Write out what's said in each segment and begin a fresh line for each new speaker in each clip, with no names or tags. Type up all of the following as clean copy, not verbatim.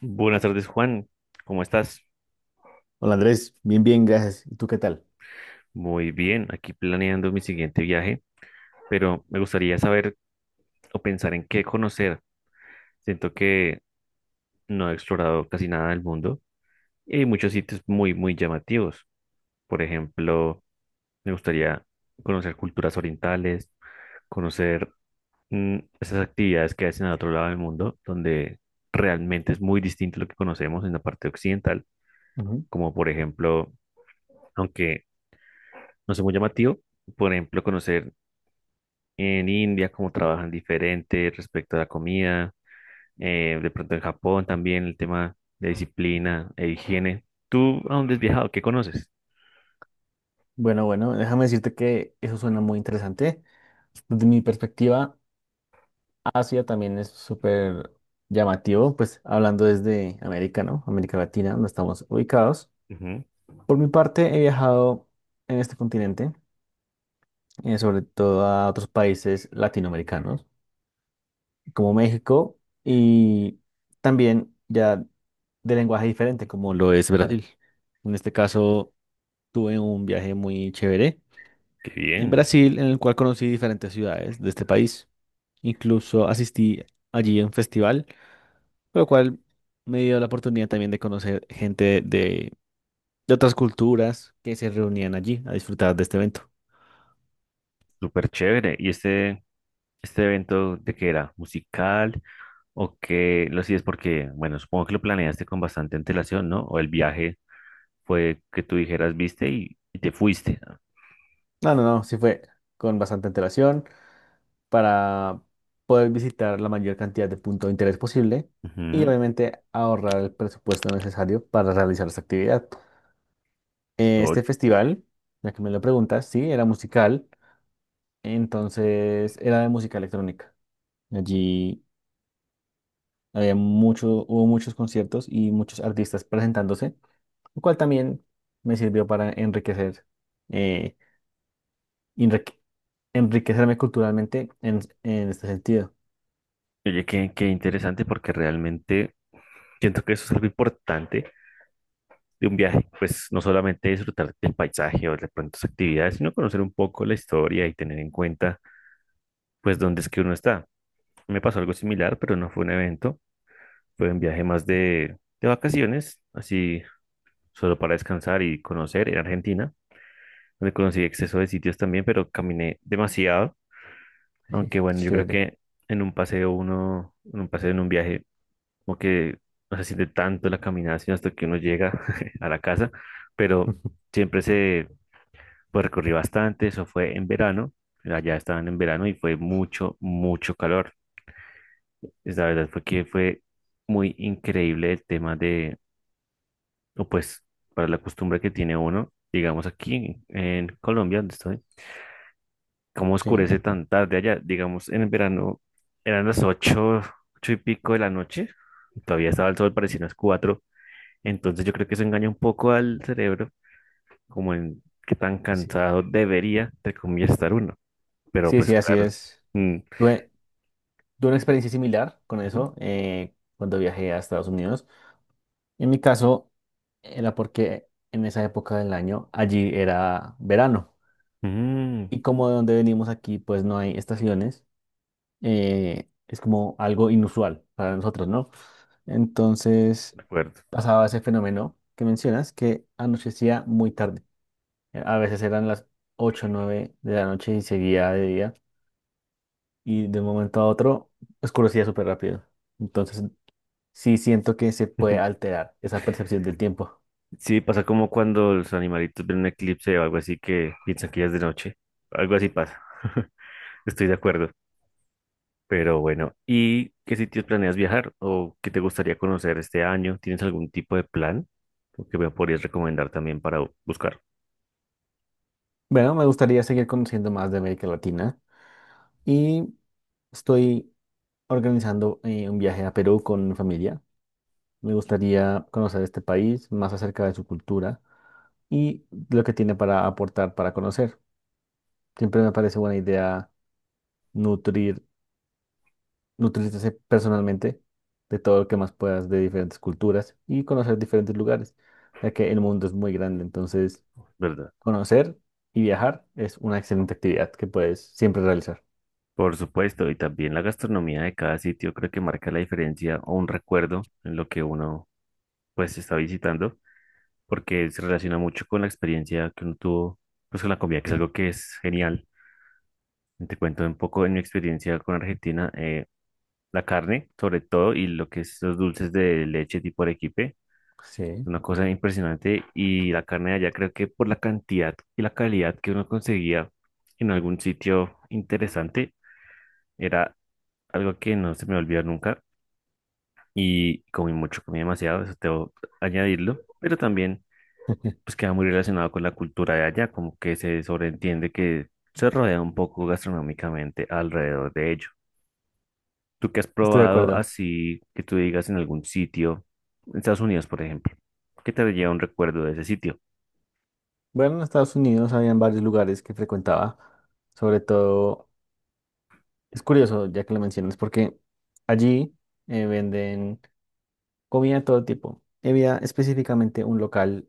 Buenas tardes, Juan. ¿Cómo estás?
Hola Andrés, bien, bien, gracias. ¿Y tú qué tal?
Muy bien, aquí planeando mi siguiente viaje, pero me gustaría saber o pensar en qué conocer. Siento que no he explorado casi nada del mundo y hay muchos sitios muy, muy llamativos. Por ejemplo, me gustaría conocer culturas orientales, conocer esas actividades que hacen al otro lado del mundo, donde realmente es muy distinto lo que conocemos en la parte occidental,
Ujú.
como por ejemplo, aunque no sea muy llamativo, por ejemplo, conocer en India, cómo trabajan diferente respecto a la comida, de pronto en Japón también el tema de disciplina e higiene. ¿Tú a dónde has viajado? ¿Qué conoces?
Bueno, bueno, déjame decirte que eso suena muy interesante. Desde mi perspectiva, Asia también es súper llamativo, pues hablando desde América, ¿no? América Latina, donde estamos ubicados.
Ujú.
Por mi parte, he viajado en este continente, sobre todo a otros países latinoamericanos, como México, y también ya de lenguaje diferente, como lo es Brasil. En este caso, tuve un viaje muy chévere
Qué
en
bien,
Brasil, en el cual conocí diferentes ciudades de este país. Incluso asistí allí a un festival, por lo cual me dio la oportunidad también de conocer de otras culturas que se reunían allí a disfrutar de este evento.
súper chévere. ¿Y este evento de qué era? ¿Musical o qué lo hacías? Porque, bueno, supongo que lo planeaste con bastante antelación, ¿no? O el viaje fue que tú dijeras, viste y te fuiste.
No, no, no, sí fue con bastante antelación, para poder visitar la mayor cantidad de puntos de interés posible y
Ujú.
obviamente ahorrar el presupuesto necesario para realizar esta actividad.
Oye,
Este festival, ya que me lo preguntas, sí, era musical, entonces era de música electrónica. Allí hubo muchos conciertos y muchos artistas presentándose, lo cual también me sirvió para enriquecer, eh, enrique- enriquecerme culturalmente en este sentido.
oye, qué, qué interesante porque realmente siento que eso es algo importante de un viaje, pues no solamente disfrutar del paisaje o de pronto sus actividades, sino conocer un poco la historia y tener en cuenta pues dónde es que uno está. Me pasó algo similar, pero no fue un evento, fue un viaje más de vacaciones, así solo para descansar y conocer en Argentina, donde conocí exceso de sitios también, pero caminé demasiado, aunque bueno, yo creo
Chévere.
que en un paseo uno, en un paseo en un viaje como que no se siente tanto la caminación hasta que uno llega a la casa, pero siempre se pues, recorrí bastante, eso fue en verano, allá estaban en verano y fue mucho, mucho calor. Es la verdad fue que fue muy increíble el tema de, o pues para la costumbre que tiene uno, digamos aquí Colombia, donde estoy, cómo
Sí.
oscurece tan tarde allá, digamos en el verano eran las ocho, ocho y pico de la noche, y todavía estaba el sol, parecían las cuatro. Entonces yo creo que eso engaña un poco al cerebro, como en qué tan
Sí.
cansado debería, entre comillas, estar uno. Pero
Sí,
pues
sí, así
claro.
es.
mm,
Tuve, tuve una experiencia similar con
ujú,
eso cuando viajé a Estados Unidos. En mi caso, era porque en esa época del año allí era verano.
mm,
Y como de donde venimos aquí, pues no hay estaciones, es como algo inusual para nosotros, ¿no? Entonces
de acuerdo.
pasaba ese fenómeno que mencionas, que anochecía muy tarde. A veces eran las 8 o 9 de la noche y seguía de día. Y de un momento a otro oscurecía súper rápido. Entonces, sí siento que se puede alterar esa percepción del tiempo.
Sí, pasa como cuando los animalitos ven un eclipse o algo así que piensan que ya es de noche. Algo así pasa. Estoy de acuerdo. Pero bueno, ¿y qué sitios planeas viajar o qué te gustaría conocer este año? ¿Tienes algún tipo de plan o que me podrías recomendar también para buscar?
Bueno, me gustaría seguir conociendo más de América Latina y estoy organizando un viaje a Perú con mi familia. Me gustaría conocer este país, más acerca de su cultura y lo que tiene para aportar, para conocer. Siempre me parece buena idea nutrir nutrirse personalmente de todo lo que más puedas de diferentes culturas y conocer diferentes lugares, ya que el mundo es muy grande, entonces
¿Verdad?
conocer y viajar es una excelente actividad que puedes siempre realizar.
Por supuesto, y también la gastronomía de cada sitio creo que marca la diferencia o un recuerdo en lo que uno pues está visitando, porque se relaciona mucho con la experiencia que uno tuvo pues con la comida, que es algo que es genial. Te cuento un poco en mi experiencia con Argentina, la carne sobre todo y lo que es los dulces de leche tipo arequipe,
Sí.
una cosa impresionante y la carne de allá creo que por la cantidad y la calidad que uno conseguía en algún sitio interesante era algo que no se me va a olvidar nunca y comí mucho, comí demasiado, eso tengo que añadirlo, pero también pues queda muy relacionado con la cultura de allá, como que se sobreentiende que se rodea un poco gastronómicamente alrededor de ello. ¿Tú qué has
Estoy de
probado
acuerdo.
así que tú digas en algún sitio, en Estados Unidos, por ejemplo? ¿Qué te lleva un recuerdo de ese sitio?
Bueno, en Estados Unidos habían varios lugares que frecuentaba, sobre todo, es curioso ya que lo mencionas, porque allí venden comida de todo tipo. Había específicamente un local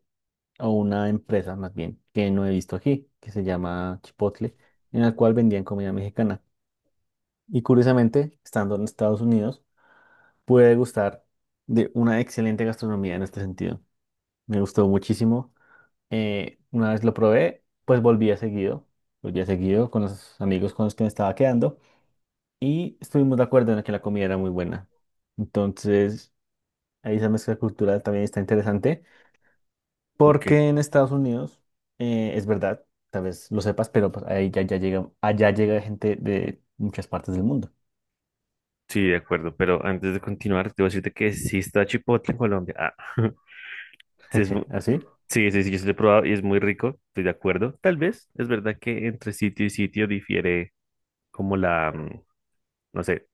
o una empresa más bien que no he visto aquí, que se llama Chipotle, en la cual vendían comida mexicana. Y curiosamente, estando en Estados Unidos, pude gustar de una excelente gastronomía en este sentido. Me gustó muchísimo. Una vez lo probé, pues volví a seguido con los amigos con los que me estaba quedando y estuvimos de acuerdo en que la comida era muy buena. Entonces, ahí esa mezcla cultural también está interesante.
Ok,
Porque en Estados Unidos, es verdad, tal vez lo sepas, pero pues, ya llega, allá llega gente de muchas partes del mundo.
sí, de acuerdo, pero antes de continuar, te voy a decirte que sí está Chipotle en Colombia. Ah, sí es mu-
¿Así?
sí, sí, sí, yo sí lo he probado y es muy rico, estoy de acuerdo. Tal vez es verdad que entre sitio y sitio difiere como no sé,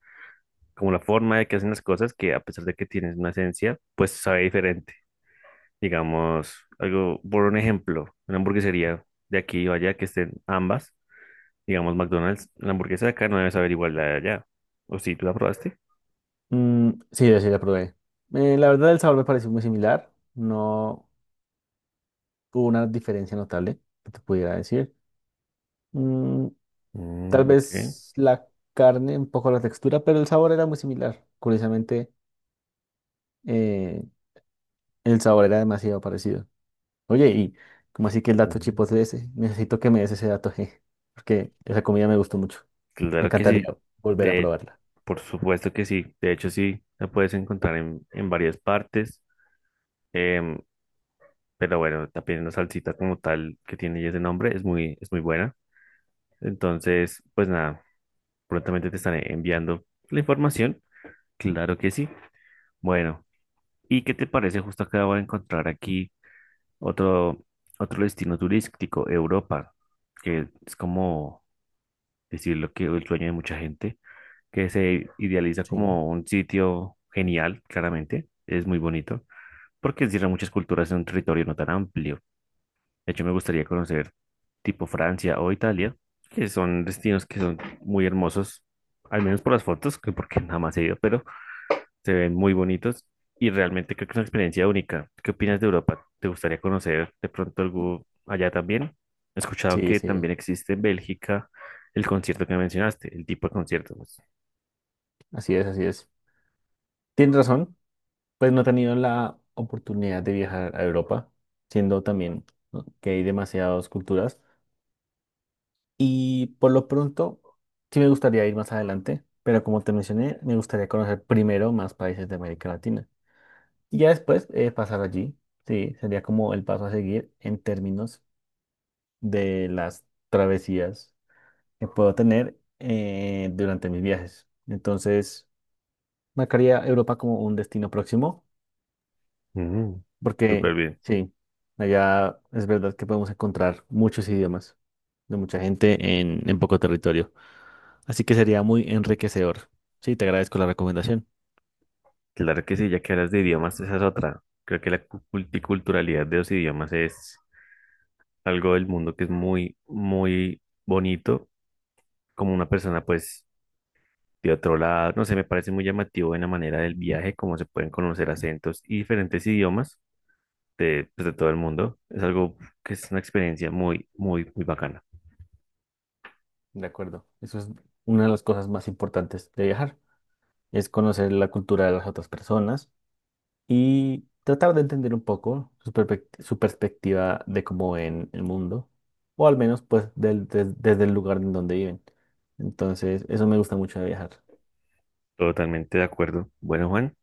como la forma de que hacen las cosas, que a pesar de que tienes una esencia, pues sabe diferente. Digamos, algo, por un ejemplo, una hamburguesería de aquí o allá que estén ambas, digamos McDonald's, la hamburguesa de acá no debe saber igual la de allá. ¿O si tú la probaste?
Mm, sí, yo sí la probé. La verdad, el sabor me pareció muy similar. No hubo una diferencia notable que te pudiera decir. Mm, tal
Mm, ok.
vez la carne, un poco la textura, pero el sabor era muy similar. Curiosamente, eh, el sabor era demasiado parecido. Oye, y como así que el dato
Ujú.
chipotle ese, necesito que me des ese dato, je, porque esa comida me gustó mucho. Me
Claro que
encantaría
sí.
volver a
De,
probarla.
por supuesto que sí. De hecho, sí, la puedes encontrar en varias partes. Em, pero bueno, también la salsita como tal que tiene ya ese nombre es muy buena. Entonces, pues nada, prontamente te estaré enviando la información. Claro que sí. Bueno, ¿y qué te parece? Justo acabo de encontrar aquí otro, otro destino turístico, Europa, que es como decirlo que el sueño de mucha gente, que se idealiza
Sí,
como un sitio genial, claramente. Es muy bonito, porque encierra muchas culturas en un territorio no tan amplio. De hecho, me gustaría conocer tipo Francia o Italia, que son destinos que son muy hermosos, al menos por las fotos, que porque nada más he ido, pero se ven muy bonitos y realmente creo que es una experiencia única. ¿Qué opinas de Europa? ¿Te gustaría conocer de pronto algo allá también? He escuchado
sí,
que
sí,
también existe en Bélgica el concierto que mencionaste, el tipo de concierto, pues.
así es, así es. Tienes razón, pues no he tenido la oportunidad de viajar a Europa, siendo también ¿no? que hay demasiadas culturas. Y por lo pronto, sí me gustaría ir más adelante, pero como te mencioné, me gustaría conocer primero más países de América Latina. Y ya después pasar allí. Sí, sería como el paso a seguir en términos de las travesías que puedo tener durante mis viajes. Entonces, marcaría Europa como un destino próximo,
Mm,
porque
súper bien.
sí, allá es verdad que podemos encontrar muchos idiomas de mucha gente en poco territorio. Así que sería muy enriquecedor. Sí, te agradezco la recomendación.
Claro que sí, ya que hablas de idiomas, esa es otra. Creo que la multiculturalidad de los idiomas es algo del mundo que es muy, muy bonito, como una persona pues de otro lado, no sé, me parece muy llamativo en la manera del viaje, cómo se pueden conocer acentos y diferentes idiomas de, pues, de todo el mundo. Es algo que es una experiencia muy, muy, muy bacana.
De acuerdo. Eso es una de las cosas más importantes de viajar, es conocer la cultura de las otras personas y tratar de entender un poco su perspectiva de cómo ven el mundo, o al menos pues desde el lugar en donde viven. Entonces, eso me gusta mucho de viajar.
Totalmente de acuerdo. Bueno, Juan,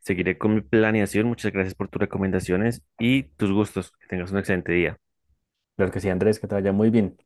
seguiré con mi planeación. Muchas gracias por tus recomendaciones y tus gustos. Que tengas un excelente día.
Claro que sí, Andrés, que te vaya muy bien.